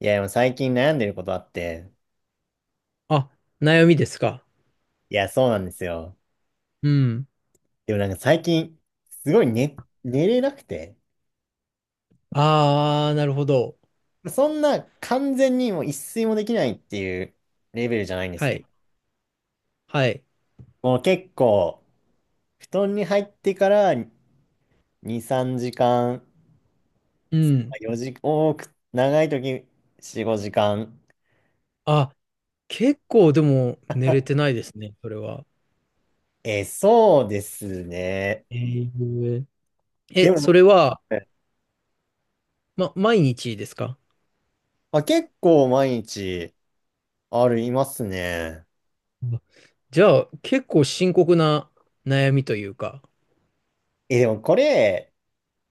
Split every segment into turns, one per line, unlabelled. いや、でも最近悩んでることあって、
あ、悩みですか。
いや、そうなんですよ。
うん。
でもなんか最近、すごい寝れなくて、
ああ、なるほど。
そんな完全にもう一睡もできないっていうレベルじゃないんです
は
けど、
い。はい。
もう結構、布団に入ってから2、3時間、
うん。
4時、多く、長い時4、5時間。
あ、結構でも寝れてないですね、それは。
そうですね。
えー、
で
え、そ
も、
れは、
え
ま、毎日ですか？
まあ、結構毎日ありますね。
あじゃあ、結構深刻な悩みというか。
え、でもこれ、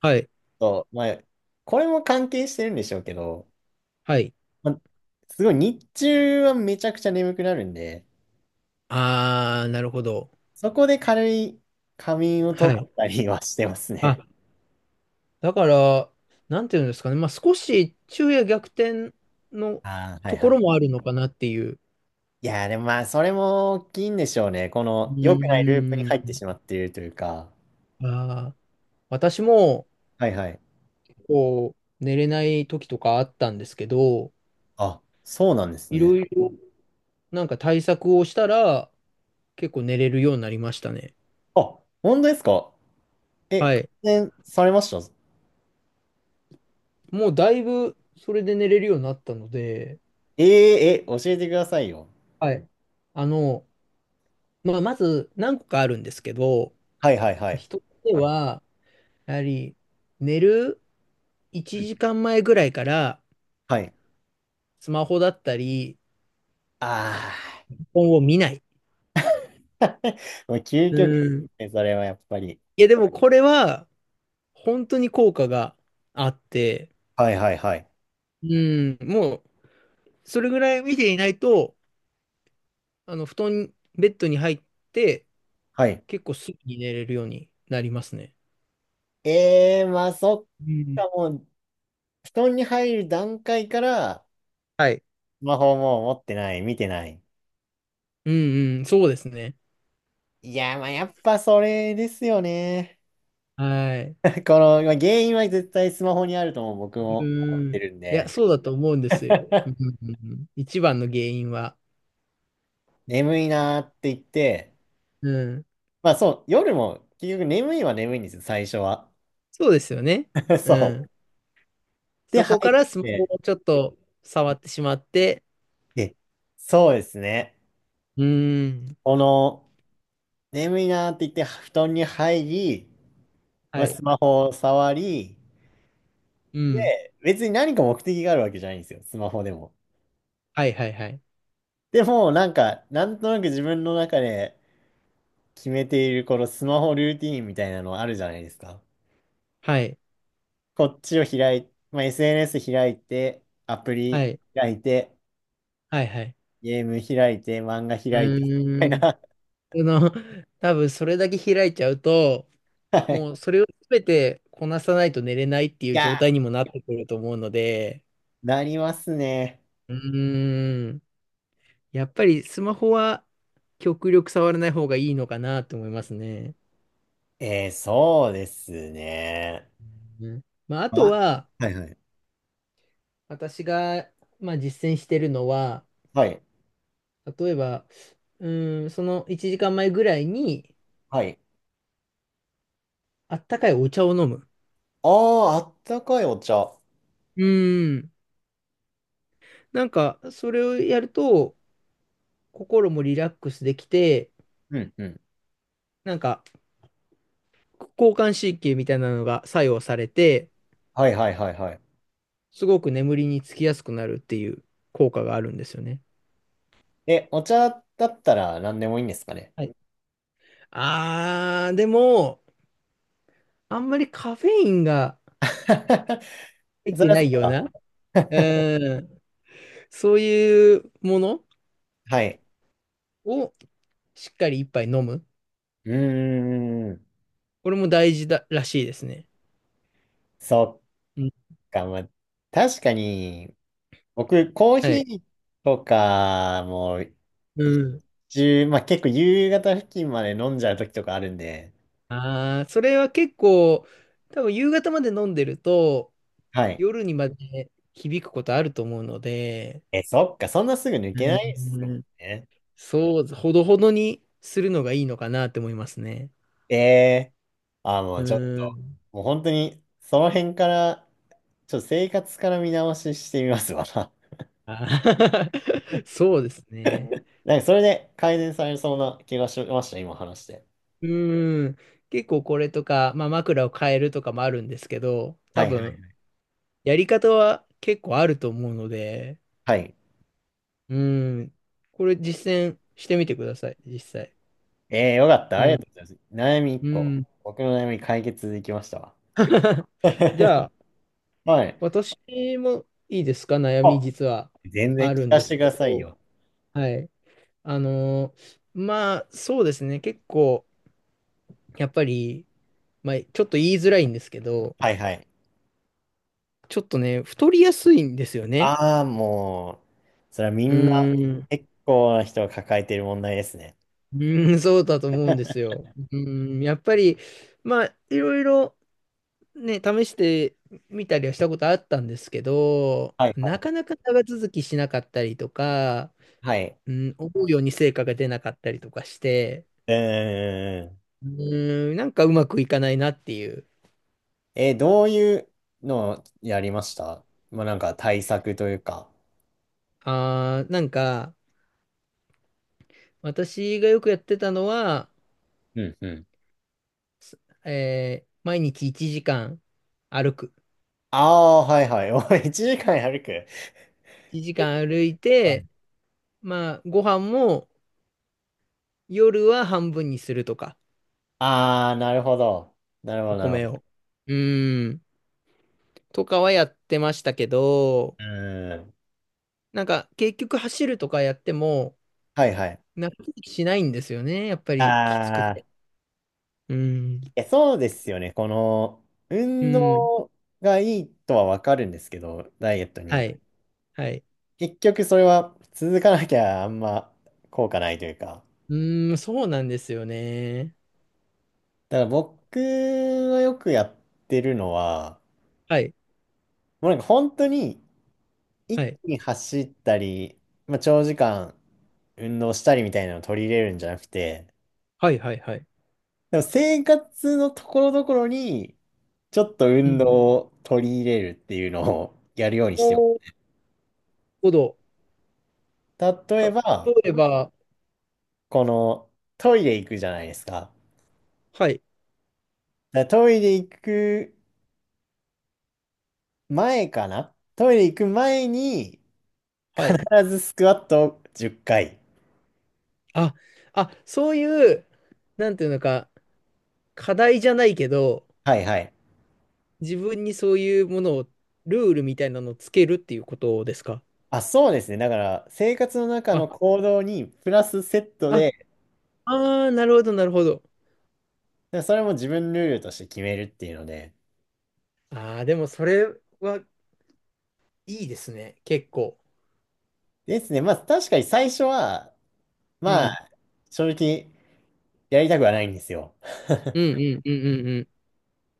はい。
そう、まあ、これも関係してるんでしょうけど、
はい。
まあ、すごい日中はめちゃくちゃ眠くなるんで、
ああ、なるほど。
そこで軽い仮眠を
は
取っ
い。
たりはしてます
あ、
ね。
だから、なんていうんですかね。まあ、少し昼夜逆転の
ああ、はい
と
は
ころ
い。
もあるのかなっていう。
いやー、でもまあ、それも大きいんでしょうね。こ
う
の良くないループに
ー
入ってし
ん。
まっているというか。
ああ、私も、
はいはい。
こう、寝れない時とかあったんですけど、
あ、そうなんです
いろ
ね。
いろなんか対策をしたら、結構寝れるようになりましたね。
あ、本当ですか？え、
は
改
い。
善されました？
もうだいぶ、それで寝れるようになったので、
えーえ、教えてくださいよ。
はい。あの、まあ、まず何個かあるんですけど、
はいはいはい。
一つ目はやはり、寝る1時間前ぐらいから、
はい。
スマホだったり、
ああ。
本を見ない。
もう究
う
極です
ん。
ね、それはやっぱり。
いや、でもこれは、本当に効果があって、
はいはいはい。
うん、もう、それぐらい見ていないと、布団、ベッドに入って、
はい。
結構すぐに寝れるようになりますね。
ええーまあそっ
うん。
か、もう、布団に入る段階から、
はい。
スマホもう持ってない、見てない。
うんうん、そうですね。
いやー、まあやっぱそれですよね。
はい。
この、まあ原因は絶対スマホにあるとも僕も
う
思っ
ん。
て
い
るん
や、
で。
そうだと思うんですよ。うん うんうん、一番の原因は。
眠いなーって言って、
うん。
まあそう、夜も結局眠いは眠いんですよ、最初は。
そうですよね。
そ
う
う。
ん。
で、
そ
入
こか
っ
らスマホを
て、
ちょっと触ってしまって、
で、そうですね。
うん。
この、眠いなーって言って布団に入り、ま
は
あ、
い。
スマホを触り、
うん。
別に何か目的があるわけじゃないんですよ、スマホでも。
はいはいはい。
でも、なんか、なんとなく自分の中で決めているこのスマホルーティーンみたいなのあるじゃないですか。
はい。
こっちを開い、まあ、SNS 開いて、アプ
は
リ
い。
開いて、
はいはい。
ゲーム開いて、漫画開いて、みた
う
い
ん。
な。
あの、多分それだけ開いちゃうと、
は
もう
い。
それを全てこなさないと寝れないってい
い
う状
や、
態にもなってくると思うので、
なりますね。
うーん、やっぱりスマホは極力触らない方がいいのかなと思いますね。
そうですね。
うん。まあ、あ
あ、
とは、
はいはい。
私が、まあ、実践してるのは、
はい。
例えば、うーん、その1時間前ぐらいに、
はい。
あったかいお茶を飲む。
ああ、あったかいお茶。
うーん。なんか、それをやると、心もリラックスできて、
うんうん。
なんか、交感神経みたいなのが作用されて、
はいはいはいはい。
すごく眠りにつきやすくなるっていう効果があるんですよね。
え、お茶だったら何でもいいんですかね？
はい。あー、でも、あんまりカフェインが 入っ
そり
て
ゃ
な
そ
い
う
よう
か。
な、うん、そういうもの
はい。
をしっかり一杯飲む。
うーん。
これも大事だらしいですね。
そ
うん。
っか。まあ、確かに、僕、コー
は
ヒ
い。
ーとかも、
う
一
ん。
中、まあ結構夕方付近まで飲んじゃう時とかあるんで。
あー、それは結構、多分夕方まで飲んでると、
はい。
夜にまで響くことあると思うので、
え、そっか。そんなすぐ抜
う
けないですもん
ん。
ね。
そう、ほどほどにするのがいいのかなって思いますね。
えー。あー、も
う
うちょっと、
ーん。
もう本当に、その辺から、ちょっと生活から見直ししてみますわな。
あ そうですね。
なんかそれで改善されそうな気がしました、今話して。
うーん。結構これとか、まあ、枕を変えるとかもあるんですけど、
は
多
いは
分、
い。
やり方は結構あると思うので、
はい。
うーん。これ実践してみてください、実際。
ええよかった。
う
ありがと
ん。
うございます。悩み1
う
個。
ん。
僕の悩み解決できましたわ。
じゃあ、
はい。
私もいいですか、悩み
あ、
実は
全然
あ
聞
るん
か
で
せ
す
てく
け
ださい
ど、
よ。
はい。あのまあ、そうですね。結構、やっぱり、まあ、ちょっと言いづらいんですけど、
はいはい。
ちょっとね、太りやすいんですよね。
ああ、もう、それはみ
う
んな
ーん、
結構な人が抱えている問題ですね。
うーん、そうだと思うんですよ。うーん、やっぱり、まあ、いろいろ、ね、試してみたりはしたことあったんですけど、
はいはい
な
は
かな
い。
か長続きしなかったりとか、
はい。
うん、思うように成果が出なかったりとかして、
うーん。
うーん、なんかうまくいかないなっていう。
どういうのをやりました？まあなんか対策というか。
あー、なんか、私がよくやってたのは、
うんうん。
毎日1時間歩く。
ああー、はいはい。おい、1時間歩く。
1時間歩いて、まあ、ご飯も夜は半分にするとか、
ああ、なるほど。なるほ
お
ど、なるほ
米
ど。
を。うーん、とかはやってましたけど、
うーん。
なんか結局走るとかやっても、
はいはい。
納得しないんですよね、やっぱりきつく
ああ、
て。
い
うーん、
や、そうですよね。この、
う
運
ーん、
動がいいとはわかるんですけど、ダイエット
は
に。
い、はい。
結局それは続かなきゃあんま効果ないというか。
うーん、そうなんですよね。
だから僕がよくやってるのは、
はい、
もうなんか本当に
は
一
い、
気に走ったり、まあ、長時間運動したりみたいなのを取り入れるんじゃなくて、
はい、はい、はい。
でも生活のところどころに、ちょっと
う
運動
ん。
を取り入れるっていうのを やるようにしてま
おーなるほど。
す。例
た、
えば、
例えば、
このトイレ行くじゃないですか。
はい、
だからトイレ行く前に、
はい。
必ずスクワットを10回。
あ、そういう、なんていうのか、課題じゃないけど、
はいはい。
自分にそういうものを、ルールみたいなのをつけるっていうことですか？
あ、そうですね。だから、生活の中
あ、
の行動にプラスセット
あ、
で、だか
あーなるほど、なるほど。
らそれも自分ルールとして決めるっていうので。
ああ、でもそれはいいですね、結構。
ですね。まあ、確かに最初は、
う
まあ、
ん。
正直、やりたくはないんですよ。
うんうんうんうんうん。やっ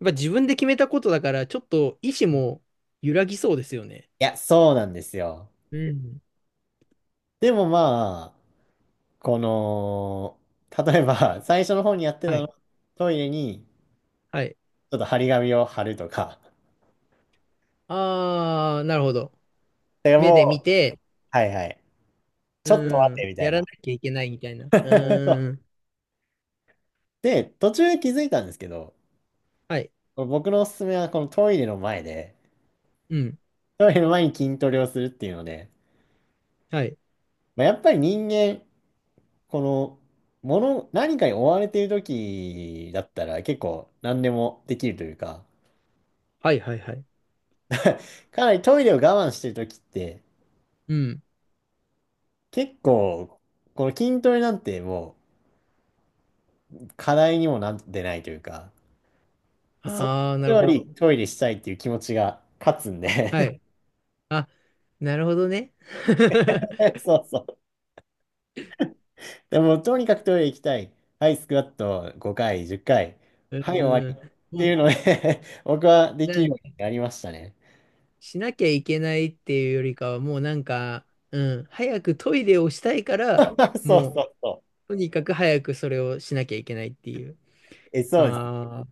ぱ自分で決めたことだから、ちょっと意志も揺らぎそうですよね。
いや、そうなんですよ。
うん。
でもまあ、この、例えば、最初の方にやってた
は
の
い。
は、トイレに、
はい。
ちょっと張り紙を貼るとか。
ああ、なるほど。
で
目
も
で見
う、
て、
はいはい。ちょっと待っ
う
て、
ん。
みたい
やらな
な。
きゃいけないみたいな。う ん。
で、途中で気づいたんですけど、
はい。
僕のおすすめは、このトイレの前で、
うん。
トイレの前に筋トレをするっていうので、
はい。
まあ、やっぱり人間、この、何かに追われている時だったら、結構何でもできるというか、
はいはいはい。
かなりトイレを我慢してる時って、
うん。
結構、この筋トレなんてもう課題にもなってないというか、そのこ
ああ、な
と
る
よ
ほど。
りトイレしたいっていう気持ちが勝つん
はい。
で。
あ、なるほどね。
そうそう。でも、とにかくトイレ行きたい。はい、スクワット5回、10回。
う
はい、終わり。
ん。
っていう
も
ので 僕はで
う、
きるようになりましたね。
しなきゃいけないっていうよりかは、もうなんか、うん。早くトイレをしたいから、
そ
も
う
う、
そうそう。
とにかく早くそれをしなきゃいけないっていう。
え、そうです。
ああ、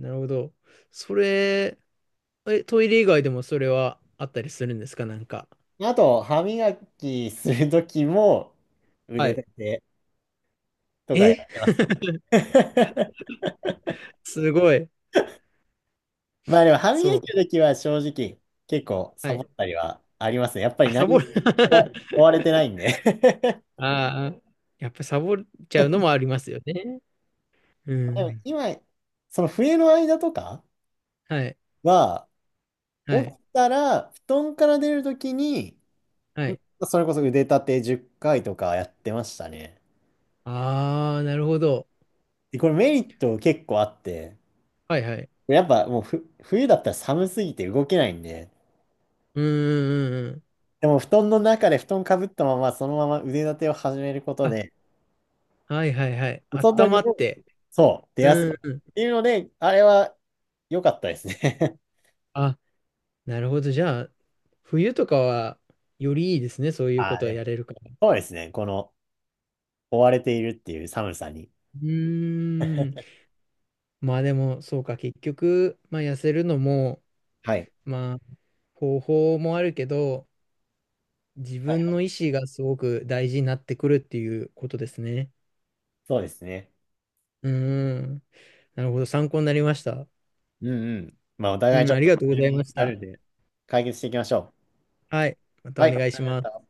なるほど。それ、え、トイレ以外でもそれはあったりするんですかなんか？
あと、歯磨きするときも
は
腕
い。
立てとかや
え、
ってますね。
すごい。
まあでも歯磨
そう。
きの時は正直結構
は
サボ
い。
ったりはありますね。やっぱり
あ、サ
何
ボ
も
る。
追追わ れてないんで。
ああ、やっぱサボっちゃうのもありますよね。う
でも
ん。
今、その冬の間とか
はい。
は、起
はい。
きたら布団から出る時に、
はい。
それこそ腕立て10回とかやってましたね。
ああ、なるほど。
で、これメリット結構あって、
はいはい。
やっぱもう冬だったら寒すぎて動けないんで、
うんうんうんうん。
でも布団の中で布団かぶったままそのまま腕立てを始めること
あ、
で、
はいはいはい。
そう
あったまっ
す
て。
そう、出やす
う
い。
んうん。
っていうので、あれは良かったですね。
あ、なるほど。じゃあ、冬とかは、よりいいですね。そう いうこ
ああ、
とは
でも、
やれるから。
そうですね。この、追われているっていう寒さに。
うーん。まあでも、そうか。結局、まあ痩せるのも、
はい。
まあ、方法もあるけど、自
はい
分
はい
の意思がすごく大事になってくるっていうことですね。
そうですね。
うーん。なるほど。参考になりました。
うんうん。まあ、お互い
う
ち
ん、
ょ
あ
っ
り
と
がとうご
悩
ざいま
み
し
あ
た。
るんで、解決していきましょ
はい。ま
う。
た
は
お
い。わ
願い
か
し
りまし
ま
た。
す。